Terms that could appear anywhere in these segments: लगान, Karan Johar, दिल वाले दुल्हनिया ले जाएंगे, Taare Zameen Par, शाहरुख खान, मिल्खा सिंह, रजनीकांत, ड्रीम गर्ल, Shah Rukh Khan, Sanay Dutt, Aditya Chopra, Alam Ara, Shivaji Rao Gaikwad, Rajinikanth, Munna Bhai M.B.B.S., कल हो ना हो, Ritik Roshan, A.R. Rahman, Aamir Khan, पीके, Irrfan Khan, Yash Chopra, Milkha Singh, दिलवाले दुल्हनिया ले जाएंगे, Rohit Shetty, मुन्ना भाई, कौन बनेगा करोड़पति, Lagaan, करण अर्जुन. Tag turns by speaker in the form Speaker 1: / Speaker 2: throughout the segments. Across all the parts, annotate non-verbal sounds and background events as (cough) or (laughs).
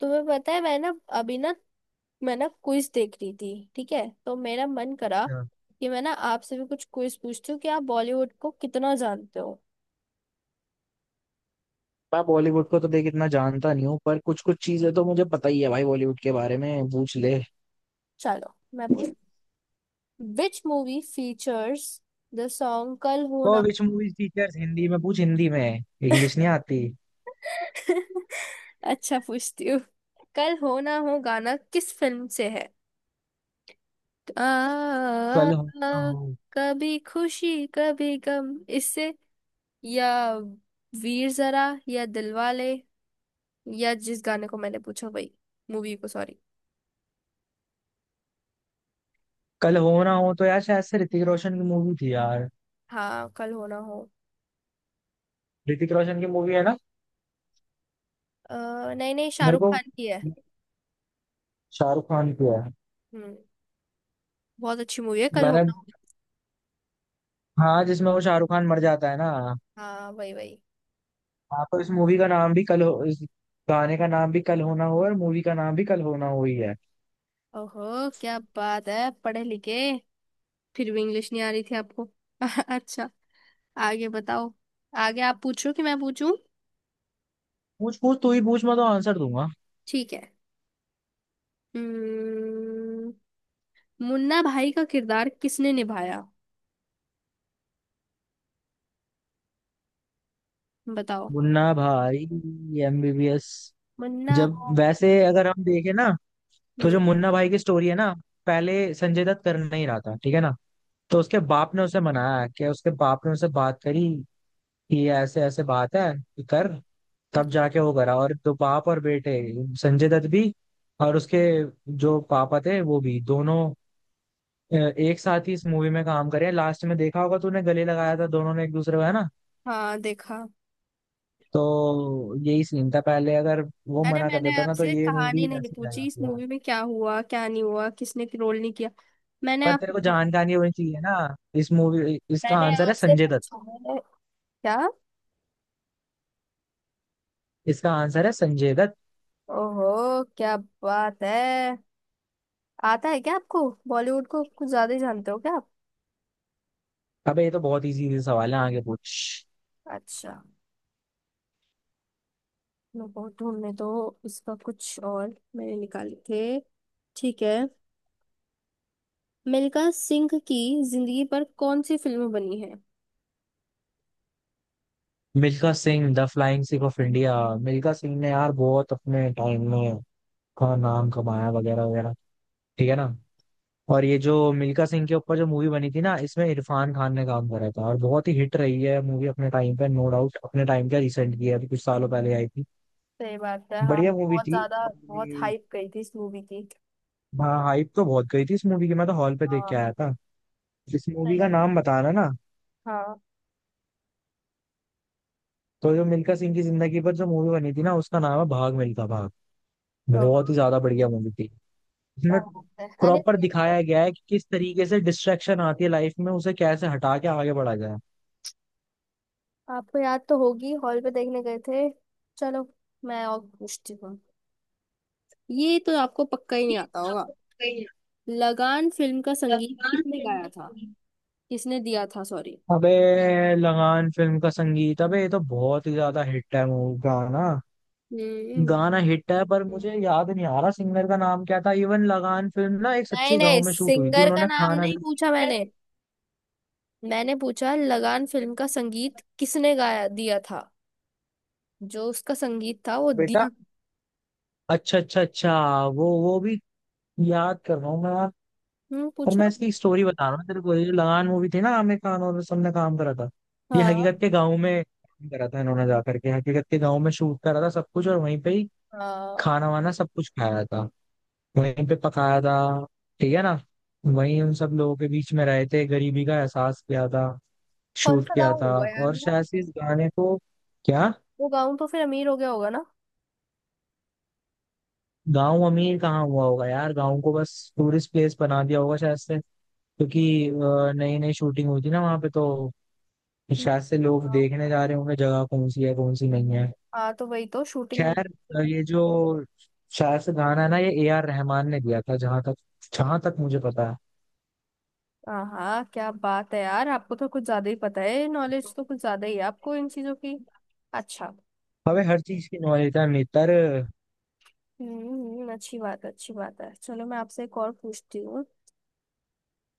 Speaker 1: तुम्हें पता है मैं ना। अभी ना मैं ना क्विज देख रही थी। ठीक है तो मेरा मन करा
Speaker 2: हाँ।
Speaker 1: कि मैं ना आपसे भी कुछ क्विज पूछती हूँ कि आप बॉलीवुड को कितना जानते हो।
Speaker 2: मैं बॉलीवुड को तो देख इतना जानता नहीं हूँ, पर कुछ कुछ चीजें तो मुझे पता ही है भाई। बॉलीवुड के बारे में पूछ ले।
Speaker 1: चलो मैं पूछ which movie features the song Kal Ho
Speaker 2: तो
Speaker 1: ना।
Speaker 2: विच मूवीज टीचर्स, हिंदी में पूछ, हिंदी में। इंग्लिश नहीं आती।
Speaker 1: (laughs) अच्छा पूछती हूँ। कल हो ना हो गाना किस फिल्म से है? आ, आ,
Speaker 2: कल हो ना
Speaker 1: आ,
Speaker 2: हो-
Speaker 1: कभी खुशी कभी गम इससे, या वीर जरा या दिलवाले, या जिस गाने को मैंने पूछा वही मूवी को? सॉरी।
Speaker 2: कल हो ना हो तो यार शायद से ऋतिक रोशन की मूवी थी यार।
Speaker 1: हाँ, कल हो ना हो।
Speaker 2: ऋतिक रोशन की मूवी है ना?
Speaker 1: अ, नहीं नहीं,
Speaker 2: मेरे
Speaker 1: शाहरुख
Speaker 2: को
Speaker 1: खान की है।
Speaker 2: शाहरुख खान की है।
Speaker 1: हम्म। बहुत अच्छी मूवी है कल हो ना
Speaker 2: मैंने,
Speaker 1: हो।
Speaker 2: हाँ, जिसमें वो शाहरुख खान मर जाता है ना।
Speaker 1: हाँ वही वही।
Speaker 2: हाँ तो इस मूवी का नाम भी कल हो, इस गाने का नाम भी कल होना हो और मूवी का नाम भी कल होना हो ही है।
Speaker 1: ओहो क्या बात है, पढ़े लिखे! फिर भी इंग्लिश नहीं आ रही थी आपको। (laughs) अच्छा, आगे बताओ। आगे आप पूछो कि मैं पूछूं?
Speaker 2: पूछ पूछ, तू ही पूछ, मैं तो आंसर दूंगा।
Speaker 1: ठीक है। हम्म। मुन्ना भाई का किरदार किसने निभाया? बताओ।
Speaker 2: मुन्ना भाई एमबीबीएस।
Speaker 1: मुन्ना।
Speaker 2: जब वैसे अगर हम देखें ना, तो जो
Speaker 1: हम्म।
Speaker 2: मुन्ना भाई की स्टोरी है ना, पहले संजय दत्त कर नहीं रहा था, ठीक है ना। तो उसके बाप ने उसे मनाया, कि उसके बाप ने उससे बात करी कि ये ऐसे ऐसे बात है, कि कर। तब
Speaker 1: अच्छा।
Speaker 2: जाके वो करा, और तो बाप और बेटे, संजय दत्त भी और उसके जो पापा थे वो भी दोनों एक साथ ही इस मूवी में काम करे। लास्ट में देखा होगा तूने, गले लगाया था दोनों ने एक दूसरे को, है ना।
Speaker 1: हाँ देखा।
Speaker 2: तो यही सीन था, पहले अगर वो
Speaker 1: अरे
Speaker 2: मना कर
Speaker 1: मैंने
Speaker 2: देता ना तो
Speaker 1: आपसे
Speaker 2: ये मूवी
Speaker 1: कहानी नहीं
Speaker 2: ऐसे रह
Speaker 1: पूछी इस
Speaker 2: जाती है।
Speaker 1: मूवी में क्या हुआ क्या नहीं हुआ किसने रोल नहीं किया। मैंने
Speaker 2: पर
Speaker 1: आप,
Speaker 2: तेरे को जानकारी होनी चाहिए ना इस मूवी, इसका
Speaker 1: मैंने
Speaker 2: आंसर है
Speaker 1: आपसे
Speaker 2: संजय दत्त।
Speaker 1: पूछा है क्या?
Speaker 2: इसका आंसर है संजय दत्त।
Speaker 1: ओहो क्या बात है! आता है क्या आपको? बॉलीवुड को कुछ ज्यादा ही जानते हो क्या आप?
Speaker 2: अबे ये तो बहुत इजी सवाल है, आगे पूछ।
Speaker 1: अच्छा, मैं बहुत ढूंढने तो इसका कुछ और मैंने निकाले थे। ठीक है। मिल्खा सिंह की जिंदगी पर कौन सी फिल्म बनी है?
Speaker 2: मिल्खा सिंह the flying Sikh of India. मिल्खा सिंह ने यार बहुत अपने टाइम में का नाम कमाया, वगैरह वगैरह, ठीक है ना। और ये जो मिल्खा सिंह के ऊपर जो मूवी बनी थी ना, इसमें इरफान खान ने काम करा था और बहुत ही हिट रही है मूवी अपने टाइम पे, नो डाउट। अपने टाइम पे रिसेंट की है, अभी कुछ सालों पहले आई थी।
Speaker 1: सही बात है हाँ।
Speaker 2: बढ़िया मूवी
Speaker 1: बहुत
Speaker 2: थी
Speaker 1: ज्यादा,
Speaker 2: और
Speaker 1: बहुत
Speaker 2: ये-
Speaker 1: हाइप गई थी इस मूवी की।
Speaker 2: हाँ, हाइप तो बहुत गई थी इस मूवी की, मैं तो हॉल पे देख
Speaker 1: हाँ।
Speaker 2: के आया था। इस मूवी
Speaker 1: सही
Speaker 2: का
Speaker 1: है।
Speaker 2: नाम बताना ना।
Speaker 1: हाँ।
Speaker 2: तो जो मिल्खा सिंह की जिंदगी पर जो मूवी बनी थी ना, उसका नाम है भाग मिल्खा भाग।
Speaker 1: ओहो
Speaker 2: बहुत ही ज्यादा बढ़िया मूवी थी।
Speaker 1: क्या
Speaker 2: इसमें
Speaker 1: बात है! अरे
Speaker 2: प्रॉपर दिखाया गया है कि किस तरीके से डिस्ट्रैक्शन आती है लाइफ में, उसे कैसे हटा के आगे बढ़ा जाए।
Speaker 1: आपको याद तो होगी, हॉल पे देखने गए थे। चलो मैं और पूछती हूँ। ये तो आपको पक्का ही नहीं आता होगा। लगान फिल्म का संगीत किसने गाया था? किसने दिया था, सॉरी।
Speaker 2: अबे लगान फिल्म का संगीत, अबे ये तो बहुत ही ज्यादा हिट है मूवी, गाना।
Speaker 1: हम्म।
Speaker 2: गाना हिट है पर मुझे याद नहीं आ रहा सिंगर का नाम क्या था। इवन लगान फिल्म ना एक
Speaker 1: नहीं
Speaker 2: सच्चे
Speaker 1: नहीं,
Speaker 2: गांव में शूट हुई थी,
Speaker 1: सिंगर का
Speaker 2: उन्होंने
Speaker 1: नाम
Speaker 2: खाना,
Speaker 1: नहीं पूछा मैंने। मैंने पूछा लगान फिल्म का संगीत किसने गाया दिया था। जो उसका संगीत था वो
Speaker 2: बेटा,
Speaker 1: दिया।
Speaker 2: अच्छा अच्छा अच्छा, वो भी याद कर रहा हूँ मैं यार। और
Speaker 1: पूछो।
Speaker 2: मैं इसकी स्टोरी बता रहा हूँ तेरे को, ये जो लगान मूवी थी ना, आमिर खान और सबने काम करा था। ये
Speaker 1: हाँ
Speaker 2: हकीकत के गांव में करा था, इन्होंने जा करके हकीकत के गांव में शूट करा था सब कुछ, और वहीं पे ही
Speaker 1: हाँ।
Speaker 2: खाना वाना सब कुछ खाया था, वहीं पे पकाया था, ठीक है ना। वहीं उन सब लोगों के बीच में रहे थे, गरीबी का एहसास किया था,
Speaker 1: कौन
Speaker 2: शूट
Speaker 1: सा
Speaker 2: किया
Speaker 1: गाँव
Speaker 2: था।
Speaker 1: होगा यार
Speaker 2: और
Speaker 1: वो?
Speaker 2: शायद से इस गाने को, क्या,
Speaker 1: वो गाँव तो फिर अमीर हो गया होगा ना।
Speaker 2: गांव अमीर कहाँ हुआ होगा यार। गांव को बस टूरिस्ट प्लेस बना दिया होगा शायद से, क्योंकि नई नई शूटिंग हुई थी ना वहां पे, तो शायद से लोग देखने
Speaker 1: हाँ।
Speaker 2: जा रहे होंगे जगह कौन सी है कौन सी नहीं है।
Speaker 1: हाँ तो वही तो शूटिंग।
Speaker 2: खैर, ये जो शायद से गाना है ना, ये ए आर रहमान ने दिया था, जहां तक, जहां तक मुझे पता है।
Speaker 1: हाँ हाँ, क्या बात है यार, आपको तो कुछ ज्यादा ही पता है। नॉलेज तो कुछ ज्यादा ही है आपको इन चीजों की। अच्छा।
Speaker 2: हमें हर चीज की नॉलेज है नेतर।
Speaker 1: अच्छी बात है, अच्छी बात है। चलो मैं आपसे एक और पूछती हूँ।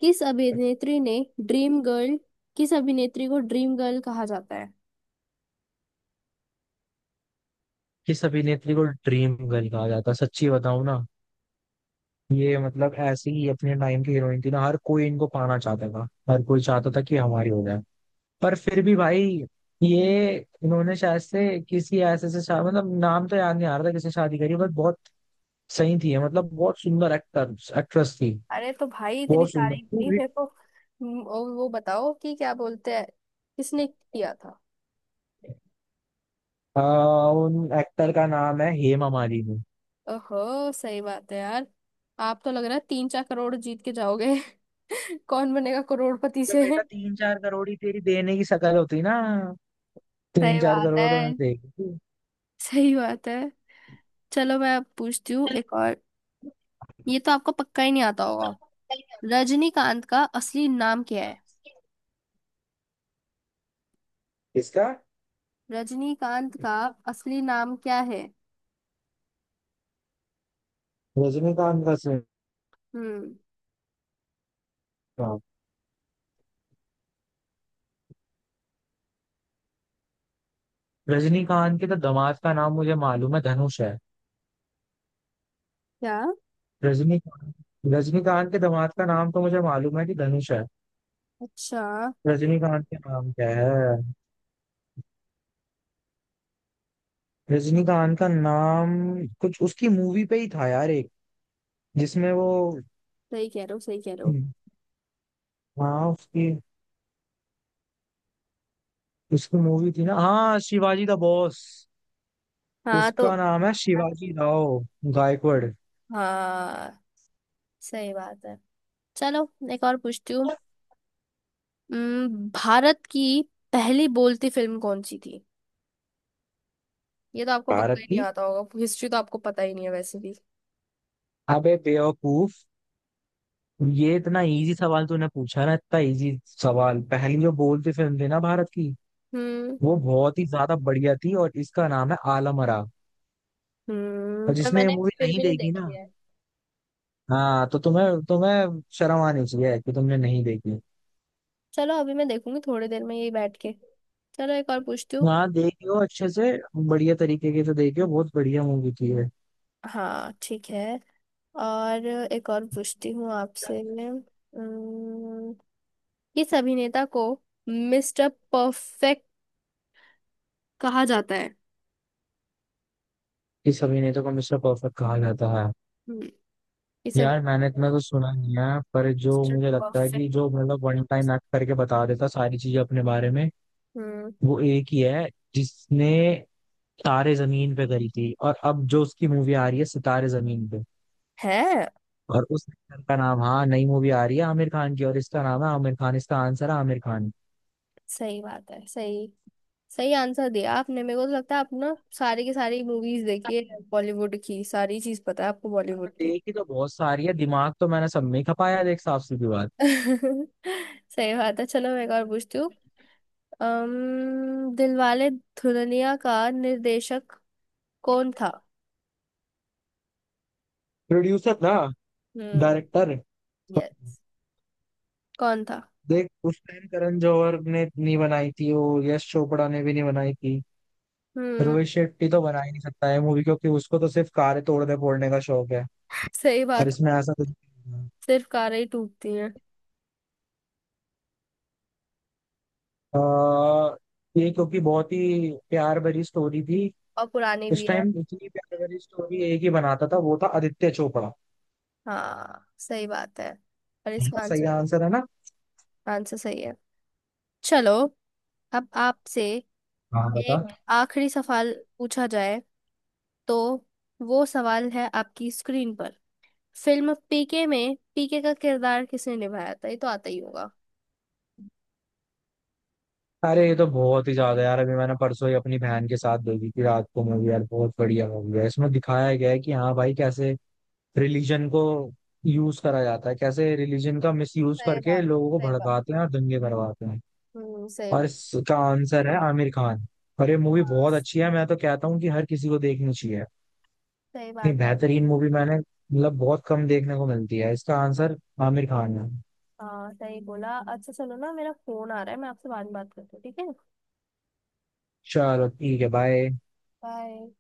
Speaker 1: किस अभिनेत्री ने ड्रीम गर्ल, किस अभिनेत्री को ड्रीम गर्ल कहा जाता है?
Speaker 2: किस अभिनेत्री को ड्रीम गर्ल कहा जाता है, सच्ची बताऊं ना, ये मतलब ऐसी ही अपने टाइम की हीरोइन थी ना, हर कोई इनको पाना चाहता था, हर कोई चाहता था कि हमारी हो जाए। पर फिर भी भाई ये इन्होंने शायद से किसी ऐसे से मतलब नाम तो याद नहीं आ रहा था किससे शादी करी, बट बहुत सही थी ये, मतलब बहुत सुंदर एक्टर एक्ट्रेस थी।
Speaker 1: अरे तो भाई इतनी
Speaker 2: बहुत सुंदर
Speaker 1: तारीफ
Speaker 2: तू
Speaker 1: दी
Speaker 2: भी।
Speaker 1: मेरे को। और वो बताओ कि क्या बोलते हैं, किसने किया था।
Speaker 2: आ, उन एक्टर का नाम है हेमा मालिनी।
Speaker 1: ओहो सही बात है यार! आप तो लग रहा है तीन चार करोड़ जीत के जाओगे। (laughs) कौन बनेगा करोड़पति
Speaker 2: तो
Speaker 1: से।
Speaker 2: बेटा तीन चार करोड़ ही तेरी देने की शकल होती ना, तीन
Speaker 1: सही
Speaker 2: चार
Speaker 1: बात है,
Speaker 2: करोड़ में देगी?
Speaker 1: सही बात है। चलो मैं अब पूछती हूँ एक और। ये तो आपको पक्का ही नहीं आता होगा। रजनीकांत का असली नाम क्या है?
Speaker 2: किसका?
Speaker 1: रजनीकांत का असली नाम क्या है।
Speaker 2: रजनीकांत का
Speaker 1: हम्म।
Speaker 2: सिनेमा। रजनीकांत के तो दामाद का नाम मुझे मालूम है, धनुष है।
Speaker 1: क्या?
Speaker 2: रजनीकांत, रजनीकांत के दामाद का नाम तो मुझे मालूम है कि धनुष है।
Speaker 1: अच्छा।
Speaker 2: रजनीकांत का नाम क्या है? रजनीकांत का नाम कुछ उसकी मूवी पे ही था यार, एक जिसमें वो,
Speaker 1: सही कह रहे हो, सही कह रहे हो।
Speaker 2: हाँ उसकी, उसकी मूवी थी ना, हाँ, शिवाजी द बॉस।
Speaker 1: हाँ तो।
Speaker 2: उसका नाम है शिवाजी राव गायकवाड़।
Speaker 1: हाँ सही बात है। चलो एक और पूछती हूँ। भारत की पहली बोलती फिल्म कौन सी थी? ये तो आपको पक्का
Speaker 2: भारत
Speaker 1: ही नहीं
Speaker 2: की,
Speaker 1: आता होगा, हिस्ट्री तो आपको पता ही नहीं है वैसे भी।
Speaker 2: अबे बेवकूफ, ये इतना इजी सवाल तूने पूछा ना, इतना इजी सवाल। पहली जो बोलती फिल्म थी ना भारत की,
Speaker 1: हम्म।
Speaker 2: वो बहुत ही ज्यादा बढ़िया थी और इसका नाम है आलम आरा।
Speaker 1: हम्म,
Speaker 2: और
Speaker 1: पर
Speaker 2: जिसने ये
Speaker 1: मैंने
Speaker 2: मूवी
Speaker 1: फिर
Speaker 2: नहीं
Speaker 1: भी नहीं
Speaker 2: देखी ना,
Speaker 1: देखी है।
Speaker 2: हाँ, तो तुम्हें तुम्हें शर्म आनी चाहिए कि तुमने नहीं देखी।
Speaker 1: चलो अभी मैं देखूंगी थोड़ी देर में यही बैठ के। चलो एक और पूछती हूँ।
Speaker 2: हाँ देखी हो अच्छे से, बढ़िया तरीके की तो देखी हो, बहुत बढ़िया मूवी थी ये।
Speaker 1: हाँ ठीक है। और एक और पूछती हूँ आपसे। किस अभिनेता को मिस्टर परफेक्ट कहा जाता है?
Speaker 2: इस अभिनेता को मिस्टर परफेक्ट कहा जाता है।
Speaker 1: हम्म। इस अब-
Speaker 2: यार मैंने इतना तो सुना नहीं है, पर जो
Speaker 1: मिस्टर
Speaker 2: मुझे लगता है
Speaker 1: परफेक्ट।
Speaker 2: कि जो मतलब वन टाइम एक्ट करके बता देता सारी चीजें अपने बारे में,
Speaker 1: हम्म।
Speaker 2: वो एक ही है जिसने तारे जमीन पे करी थी और अब जो उसकी मूवी आ रही है सितारे जमीन पे।
Speaker 1: है।
Speaker 2: और उस एक्टर का नाम, हाँ नई मूवी आ रही है आमिर खान की, और इसका नाम है आमिर खान। इसका आंसर है आमिर खान।
Speaker 1: सही बात है, सही। सही आंसर दिया आपने। मेरे को तो लगता है आप ना सारी की सारी मूवीज देखी है बॉलीवुड की, सारी चीज पता है आपको बॉलीवुड की। (laughs)
Speaker 2: देखी तो बहुत सारी है, दिमाग तो मैंने सब में ही खपाया देख, साफ सीधी बात।
Speaker 1: सही बात है। चलो मैं एक और पूछती हूँ। दिलवाले दुल्हनिया का निर्देशक कौन था?
Speaker 2: प्रोड्यूसर ना?
Speaker 1: हम्म।
Speaker 2: डायरेक्टर।
Speaker 1: यस, कौन था।
Speaker 2: देख उस टाइम करण जौहर ने नहीं बनाई थी वो, यश चोपड़ा ने भी नहीं बनाई थी।
Speaker 1: हम्म।
Speaker 2: रोहित शेट्टी तो बना ही नहीं सकता है मूवी, क्योंकि उसको तो सिर्फ कारें तोड़ने फोड़ने का शौक है,
Speaker 1: सही
Speaker 2: और
Speaker 1: बात है।
Speaker 2: इसमें ऐसा कुछ नहीं है।
Speaker 1: सिर्फ कारें ही टूटती हैं।
Speaker 2: अ, ये क्योंकि बहुत ही प्यार भरी स्टोरी थी।
Speaker 1: और पुरानी
Speaker 2: इस
Speaker 1: भी है।
Speaker 2: टाइम इतनी प्यार भरी स्टोरी एक ही बनाता था, वो था आदित्य चोपड़ा।
Speaker 1: हाँ सही बात है। और इसका
Speaker 2: सही
Speaker 1: आंसर।
Speaker 2: आंसर है ना?
Speaker 1: आंसर सही है। चलो अब आपसे
Speaker 2: हाँ बता।
Speaker 1: एक आखिरी सवाल पूछा जाए, तो वो सवाल है आपकी स्क्रीन पर। फिल्म पीके में पीके का किरदार किसने निभाया था? ये तो आता ही होगा।
Speaker 2: अरे ये तो बहुत ही ज्यादा यार, अभी मैंने परसों ही अपनी बहन के साथ देखी थी रात को मूवी यार, बहुत बढ़िया मूवी है। इसमें दिखाया गया है कि हाँ भाई, कैसे रिलीजन को यूज करा जाता है, कैसे रिलीजन का मिस यूज
Speaker 1: सही
Speaker 2: करके
Speaker 1: बात,
Speaker 2: लोगों को
Speaker 1: सही बात।
Speaker 2: भड़काते हैं और दंगे करवाते हैं।
Speaker 1: सही
Speaker 2: और
Speaker 1: बात।
Speaker 2: इसका आंसर है आमिर खान। और ये मूवी बहुत
Speaker 1: हाँ
Speaker 2: अच्छी है, मैं तो कहता हूँ कि हर किसी को देखनी चाहिए।
Speaker 1: सही
Speaker 2: इतनी
Speaker 1: बात है।
Speaker 2: बेहतरीन मूवी मैंने मतलब बहुत कम देखने को मिलती है। इसका आंसर आमिर खान है।
Speaker 1: हाँ सही बोला। अच्छा चलो ना, मेरा फोन आ रहा है, मैं आपसे बाद में बात करती हूँ, ठीक है।
Speaker 2: चलो ठीक है, बाय।
Speaker 1: बाय।